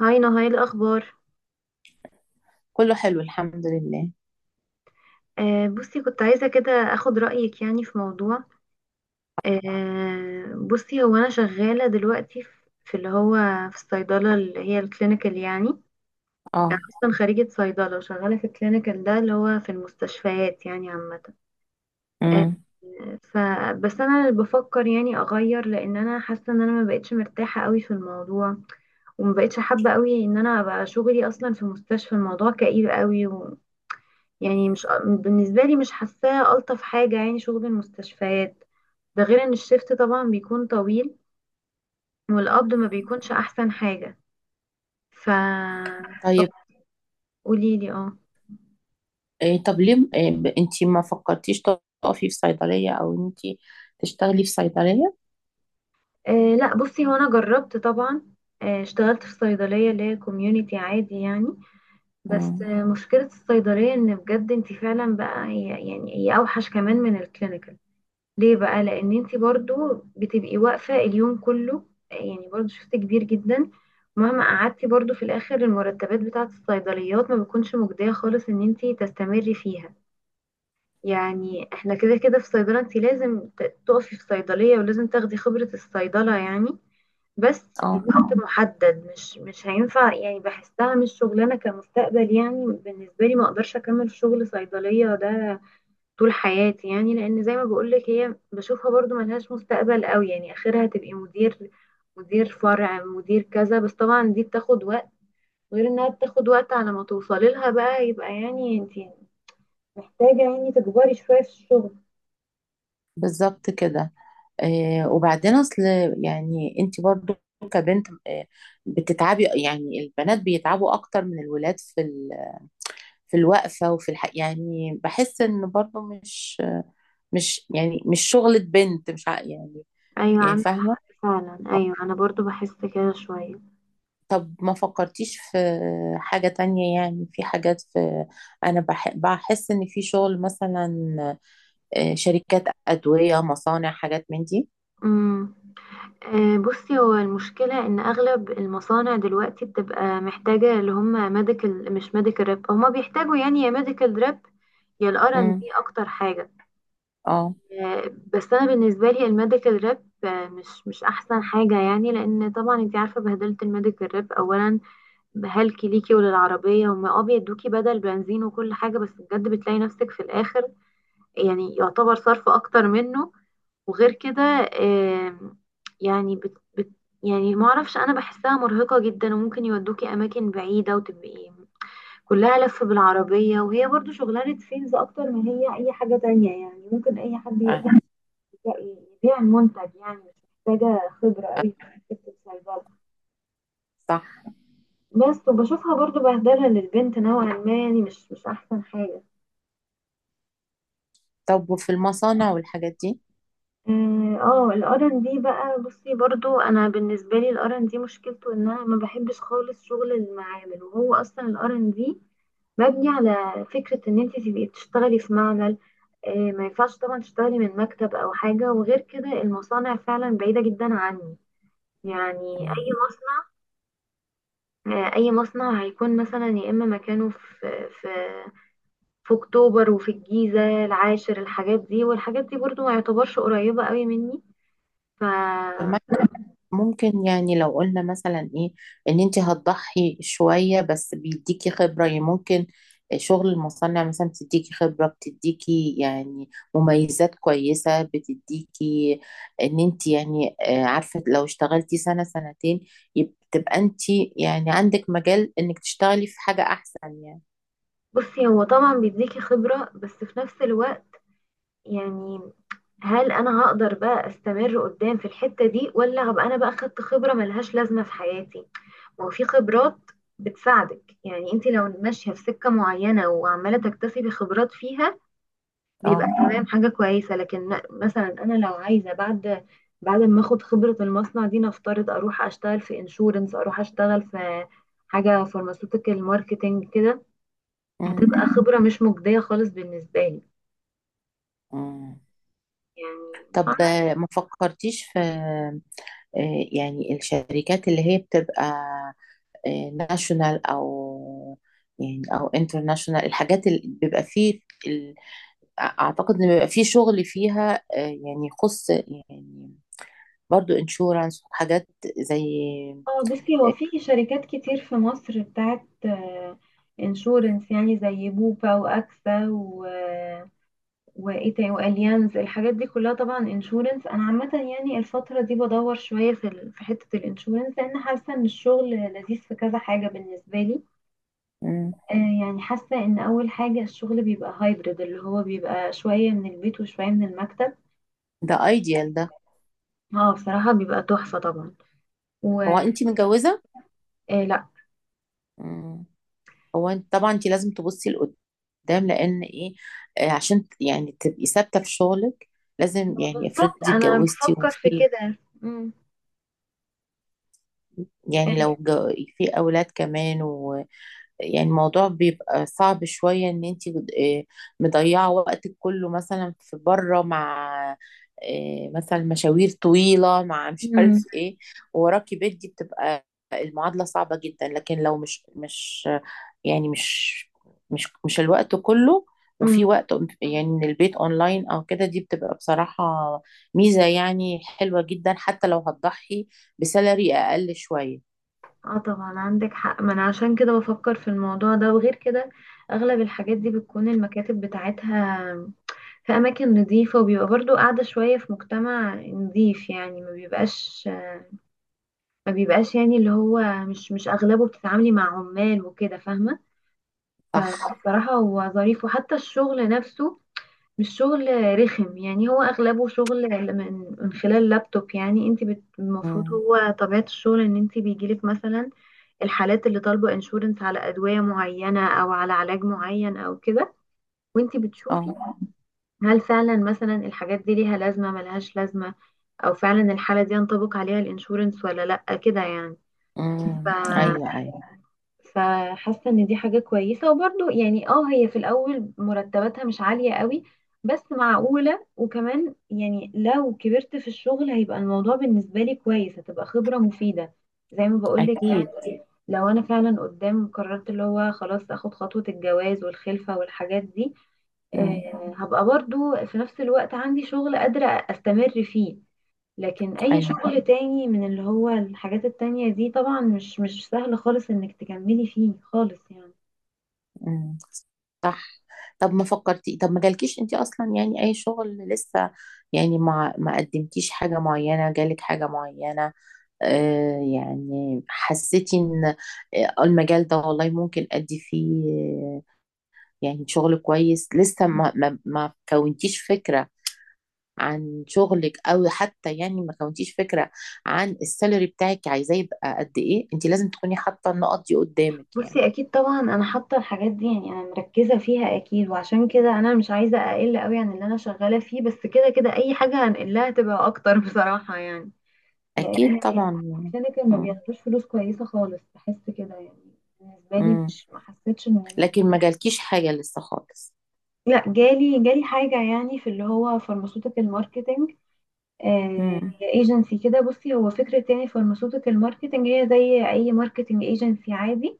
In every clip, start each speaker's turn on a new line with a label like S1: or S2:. S1: هاي نهاية الأخبار.
S2: كله حلو الحمد لله.
S1: بصي، كنت عايزة كده أخد رأيك يعني في موضوع. بصي، هو أنا شغالة دلوقتي في في اللي هو في الصيدلة اللي هي الكلينيكال يعني. أنا
S2: اه.
S1: أصلا خريجة صيدلة وشغالة في الكلينيكال ده اللي هو في المستشفيات يعني، عامة آه.
S2: امم.
S1: فبس أنا اللي بفكر يعني أغير، لأن أنا حاسة إن أنا ما بقتش مرتاحة قوي في الموضوع، وما بقتش حابة قوي إن أنا أبقى شغلي أصلا في مستشفى. الموضوع كئيب قوي يعني، مش بالنسبة لي، مش حاساه ألطف حاجة يعني شغل المستشفيات. ده غير ان الشفت طبعا بيكون طويل، والقبض ما بيكونش احسن حاجة. ف طب
S2: طيب.
S1: قولي لي. اه
S2: إيه طب ليه إيه انتي ما فكرتيش تقفي في صيدلية او انتي تشتغلي في صيدلية؟
S1: آه، لا بصي، هو انا جربت طبعا. اشتغلت في صيدلية اللي هي كوميونيتي عادي يعني. بس
S2: امم.
S1: مشكلة الصيدلية ان بجد انت فعلا بقى، هي يعني هي اوحش كمان من الكلينيكال. ليه بقى؟ لان انت برضو بتبقي واقفه اليوم كله، يعني برضو شفت كبير جدا. مهما قعدتي برضو، في الاخر المرتبات بتاعه الصيدليات ما بتكونش مجديه خالص ان انت تستمري فيها. يعني احنا كده كده في صيدله انت لازم تقفي في صيدليه، ولازم تاخدي خبره الصيدله يعني. بس
S2: اه.
S1: الوقت محدد، مش هينفع يعني. بحسها مش شغلانه كمستقبل يعني، بالنسبه لي ما اقدرش اكمل في شغل صيدليه ده طول حياتي يعني، لان زي ما بقولك، هي بشوفها برضو ملهاش مستقبل قوي يعني. اخرها تبقي مدير، مدير فرع، مدير كذا، بس طبعا دي بتاخد وقت. غير انها بتاخد وقت على ما توصلي لها بقى، يبقى يعني انتي محتاجة يعني تكبري شوية في الشغل.
S2: بالظبط كده. إيه وبعدين اصل يعني انتي برضو كبنت إيه بتتعبي، يعني البنات بيتعبوا اكتر من الولاد في في الوقفة وفي يعني بحس ان برضو مش يعني مش شغلة بنت، مش ع- يعني
S1: ايوه
S2: يعني
S1: عندك
S2: فاهمة.
S1: حق، فعلا ايوه، انا برضو بحس كده شوية.
S2: طب ما فكرتيش في حاجة تانية، يعني في حاجات في، أنا بحس إن في شغل، مثلا شركات أدوية مصانع حاجات من دي.
S1: امم، بصي، هو المشكلة إن أغلب المصانع دلوقتي بتبقى محتاجة اللي هم ميديكال، مش ميديكال ريب. هما بيحتاجوا يعني يا ميديكال ريب، يا الار ان دي،
S2: مم.
S1: أكتر حاجة.
S2: اه.
S1: آه، بس أنا بالنسبة لي الميديكال ريب مش أحسن حاجة يعني، لأن طبعا أنت عارفة بهدلة الميديكال ريب. أولا بهلكي ليكي وللعربية، هما اه بيدوكي بدل بنزين وكل حاجة، بس بجد بتلاقي نفسك في الآخر يعني يعتبر صرف أكتر منه. وغير كده آم، يعني بت بت يعني ما اعرفش، انا بحسها مرهقة جدا، وممكن يودوكي اماكن بعيدة وتبقي كلها لف بالعربية. وهي برضو شغلانة سيلز اكتر ما هي اي حاجة تانية يعني. ممكن اي حد
S2: آه.
S1: يقدر يبيع، يبيع المنتج يعني، مش محتاجة خبرة
S2: آه.
S1: قوي في حتة الصيدلة.
S2: صح.
S1: بس وبشوفها برضو بهدلة للبنت نوعا ما يعني، مش مش احسن حاجة.
S2: طب وفي المصانع والحاجات دي؟
S1: اه آه، الار ان دي بقى، بصي برضو انا بالنسبه لي الار ان دي مشكلته ان انا ما بحبش خالص شغل المعامل. وهو اصلا الار ان دي مبني على فكره ان انت تبقي بتشتغلي في معمل، ما ينفعش طبعا تشتغلي من مكتب او حاجه. وغير كده المصانع فعلا بعيده جدا عني. يعني اي
S2: مم.
S1: مصنع، اي مصنع هيكون مثلا يا اما مكانه في اكتوبر وفي الجيزه العاشر، الحاجات دي والحاجات دي برضو ما يعتبرش قريبه قوي مني. ف
S2: طب ممكن يعني لو قلنا مثلا ايه ان انت هتضحي شوية بس بيديكي خبرة، يعني ممكن شغل المصنع مثلا بتديكي خبرة، بتديكي يعني مميزات كويسة، بتديكي ان انت، يعني عارفة لو اشتغلتي سنة سنتين، تبقى انت يعني عندك مجال انك تشتغلي في حاجة احسن يعني.
S1: بصي، هو طبعا بيديكي خبرة، بس في نفس الوقت يعني، هل انا هقدر بقى استمر قدام في الحتة دي، ولا هبقى انا بقى خدت خبرة ملهاش لازمة في حياتي؟ وفي خبرات بتساعدك يعني، انت لو ماشية في سكة معينة وعمالة تكتسبي خبرات فيها بيبقى
S2: اه.
S1: تمام، حاجة كويسة. لكن مثلا انا لو عايزة بعد، بعد ما اخد خبرة المصنع دي نفترض، اروح اشتغل في انشورنس، اروح اشتغل في حاجة فارماسيوتيكال ماركتنج كده،
S2: مم.
S1: هتبقى خبرة مش مجدية خالص بالنسبة لي
S2: مم. طب
S1: يعني.
S2: ما فكرتيش في يعني الشركات اللي هي بتبقى ناشونال او انترناشونال، الحاجات اللي بيبقى فيه ال- اعتقد ان بيبقى فيه شغل فيها، يعني يخص يعني برضو انشورانس وحاجات زي.
S1: اه بصي، هو في شركات كتير في مصر بتاعت انشورنس يعني، زي بوبا واكسا وايه تاني، واليانز، الحاجات دي كلها طبعا انشورنس. انا عامه يعني الفتره دي بدور شويه في حته الانشورنس، لان حاسه ان الشغل لذيذ في كذا حاجه بالنسبه لي.
S2: مم.
S1: آه يعني حاسه ان اول حاجه الشغل بيبقى هايبرد، اللي هو بيبقى شويه من البيت وشويه من المكتب.
S2: ده ايديال ده.
S1: اه بصراحه بيبقى تحفه طبعا. و
S2: هو انت متجوزة؟
S1: آه،
S2: مم. هو انت طبعا انت لازم تبصي لقدام لان ايه، عشان يعني تبقي ثابتة في شغلك، لازم
S1: ما
S2: يعني افرضي
S1: بالظبط انا
S2: اتجوزتي
S1: بفكر في
S2: وفي،
S1: كده. مم.
S2: يعني لو
S1: يعني.
S2: في اولاد كمان، يعني الموضوع بيبقى صعب شوية ان انت مضيعة وقتك كله مثلا في بره مع مثلا مشاوير طويلة مع مش عارف
S1: مم.
S2: ايه وراكي بيت، دي بتبقى المعادلة صعبة جدا، لكن لو يعني مش مش الوقت كله، وفي
S1: مم.
S2: وقت يعني من البيت اونلاين او كده، دي بتبقى بصراحة ميزة يعني حلوة جدا حتى لو هتضحي بسالري اقل شوية.
S1: اه طبعا عندك حق. ما انا عشان كده بفكر في الموضوع ده. وغير كده اغلب الحاجات دي بتكون المكاتب بتاعتها في اماكن نظيفة، وبيبقى برضو قاعدة شوية في مجتمع نظيف يعني، ما بيبقاش، ما بيبقاش يعني اللي هو، مش مش اغلبه بتتعاملي مع عمال وكده، فاهمة.
S2: صح.
S1: فبصراحة هو ظريف. وحتى الشغل نفسه مش شغل رخم يعني، هو اغلبه شغل من خلال لابتوب يعني. انت المفروض
S2: مم.
S1: هو طبيعة الشغل ان انت بيجيلك مثلا الحالات اللي طالبة انشورنس على ادوية معينة، او على علاج معين، او كده، وانت بتشوفي
S2: اه.
S1: هل فعلا مثلا الحاجات دي ليها لازمة ملهاش لازمة، او فعلا الحالة دي ينطبق عليها الانشورنس ولا لا، كده يعني. ف
S2: امم. ايوه، ايوه.
S1: فحاسه ان دي حاجه كويسه. وبرضو يعني اه هي في الاول مرتباتها مش عاليه قوي، بس معقوله. وكمان يعني لو كبرت في الشغل هيبقى الموضوع بالنسبه لي كويس، هتبقى خبره مفيده زي ما بقولك يعني.
S2: اكيد.
S1: لو انا فعلا قدام قررت اللي هو خلاص اخد خطوه الجواز والخلفه والحاجات دي،
S2: امم.
S1: هبقى برضو في نفس الوقت عندي شغل قادره استمر فيه. لكن اي
S2: ايوه.
S1: شغل تاني من اللي هو الحاجات التانية دي، طبعا مش مش سهل خالص انك تكملي فيه خالص يعني.
S2: امم. صح. طب ما جالكيش انت اصلا يعني اي شغل لسه، يعني ما قدمتيش حاجه معينه، جالك حاجه معينه يعني حسيتي ان المجال ده والله ممكن ادي فيه، يعني شغل كويس لسه ما كونتيش فكره عن شغلك، او حتى يعني ما كونتيش فكره عن السالري بتاعك عايزاه يبقى قد ايه؟ انت لازم تكوني حاطه النقط دي قدامك يعني.
S1: بصي اكيد طبعا انا حاطه الحاجات دي يعني، انا مركزه فيها اكيد، وعشان كده انا مش عايزه اقل قوي عن اللي انا شغاله فيه. بس كده كده اي حاجه هنقلها تبقى اكتر بصراحه يعني.
S2: اكيد
S1: لان
S2: طبعا يعني.
S1: الشركه ما
S2: مم.
S1: بياخدوش فلوس كويسه خالص، بحس كده يعني بالنسبه لي،
S2: مم.
S1: مش ما حسيتش ان.
S2: لكن ما جالكيش حاجه لسه خالص.
S1: لا جالي، جالي حاجه يعني في اللي هو فارماسيوتيكال ماركتنج. آه،
S2: مم.
S1: هي ايجنسي كده. بصي، هو فكرة يعني فارماسيوتيكال ماركتنج هي زي اي ماركتنج ايجنسي عادي،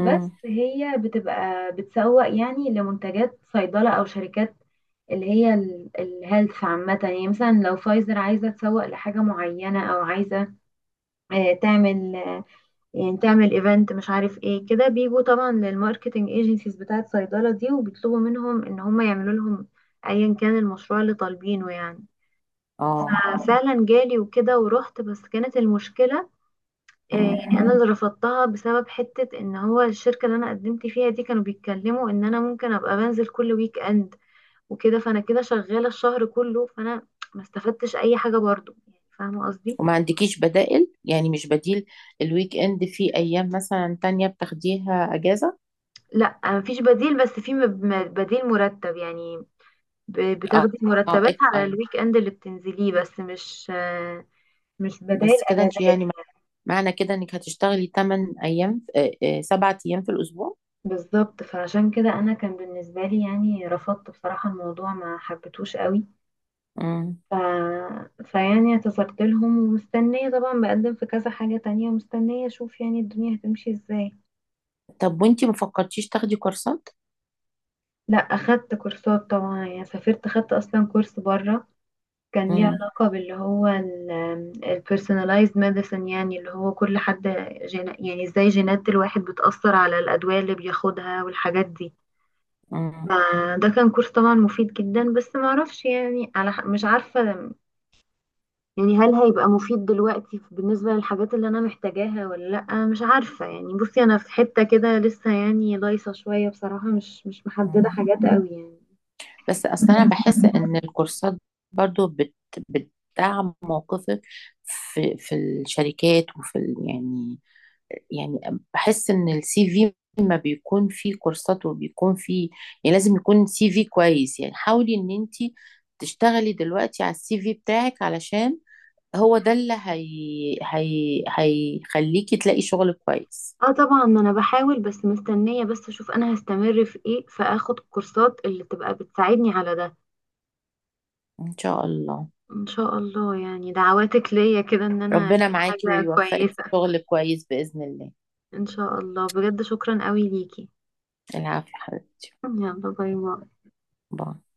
S1: بس هي بتبقى بتسوق يعني لمنتجات صيدلة، او شركات اللي هي الهيلث عامة يعني. مثلا لو فايزر عايزة تسوق لحاجة معينة، او عايزة تعمل يعني تعمل ايفنت، مش عارف ايه كده، بيجوا طبعا للماركتنج ايجنسيز بتاعت صيدلة دي، وبيطلبوا منهم ان هم يعملوا لهم ايا كان المشروع اللي طالبينه يعني.
S2: اه.
S1: فعلا جالي، وكده ورحت، بس كانت المشكلة
S2: مم.
S1: يعني أنا اللي رفضتها، بسبب حتة إن هو الشركة اللي أنا قدمت فيها دي كانوا بيتكلموا إن أنا ممكن أبقى بنزل كل ويك إند وكده. فأنا كده شغالة الشهر كله، فأنا ما استفدتش أي حاجة برضو يعني، فاهمة قصدي؟
S2: وما عندكيش بدائل، يعني مش بديل الويك اند في ايام مثلا تانية بتاخديها اجازه؟
S1: لا مفيش بديل، بس في بديل مرتب يعني.
S2: اه.
S1: بتاخدي
S2: اه.
S1: مرتبات على
S2: ايوه.
S1: الويك إند اللي بتنزليه، بس مش مش بدائل
S2: بس كده انت،
S1: أجازات.
S2: يعني معنى كده انك هتشتغلي 8 ايام، سبعة ايام في الاسبوع.
S1: بالظبط، فعشان كده انا كان بالنسبه لي يعني رفضت بصراحه، الموضوع ما حبيتهوش قوي.
S2: مم.
S1: ف... فيعني اعتذرت لهم، ومستنيه طبعا بقدم في كذا حاجه تانية، مستنيه اشوف يعني الدنيا هتمشي ازاي.
S2: طب وانتي ما فكرتيش تاخدي كورسات؟
S1: لا اخدت كورسات طبعا يعني. سافرت، اخدت اصلا كورس بره، كان ليه
S2: مم.
S1: علاقه باللي هو البيرسوناليزد ميديسن، يعني اللي هو كل حد يعني ازاي جينات الواحد بتاثر على الادويه اللي بياخدها والحاجات دي.
S2: مم.
S1: فده كان كورس طبعا مفيد جدا، بس ما اعرفش يعني على مش عارفة يعني، هل هيبقى مفيد دلوقتي بالنسبة للحاجات اللي انا محتاجاها ولا لا، مش عارفة يعني. بصي انا في حتة كده لسه يعني دايسة شوية بصراحة، مش مش محددة
S2: مم.
S1: حاجات قوي يعني.
S2: بس اصل انا بحس ان الكورسات برضو بتدعم موقفك في الشركات وفي يعني بحس ان السي في ما بيكون فيه كورسات وبيكون فيه، يعني لازم يكون سي في كويس، يعني حاولي ان انتي تشتغلي دلوقتي على السي في بتاعك علشان هو ده اللي هيخليكي تلاقي شغل كويس.
S1: اه طبعا انا بحاول، بس مستنية بس اشوف انا هستمر في ايه، فاخد الكورسات اللي تبقى بتساعدني على ده.
S2: ان شاء الله.
S1: ان شاء الله يعني، دعواتك ليا كده ان انا
S2: ربنا
S1: الاقي
S2: معاكي
S1: حاجة
S2: ويوفقك في
S1: كويسة.
S2: شغل كويس بإذن الله.
S1: ان شاء الله، بجد شكرا قوي ليكي.
S2: العافية حبيبتي.
S1: يلا باي باي.
S2: باي.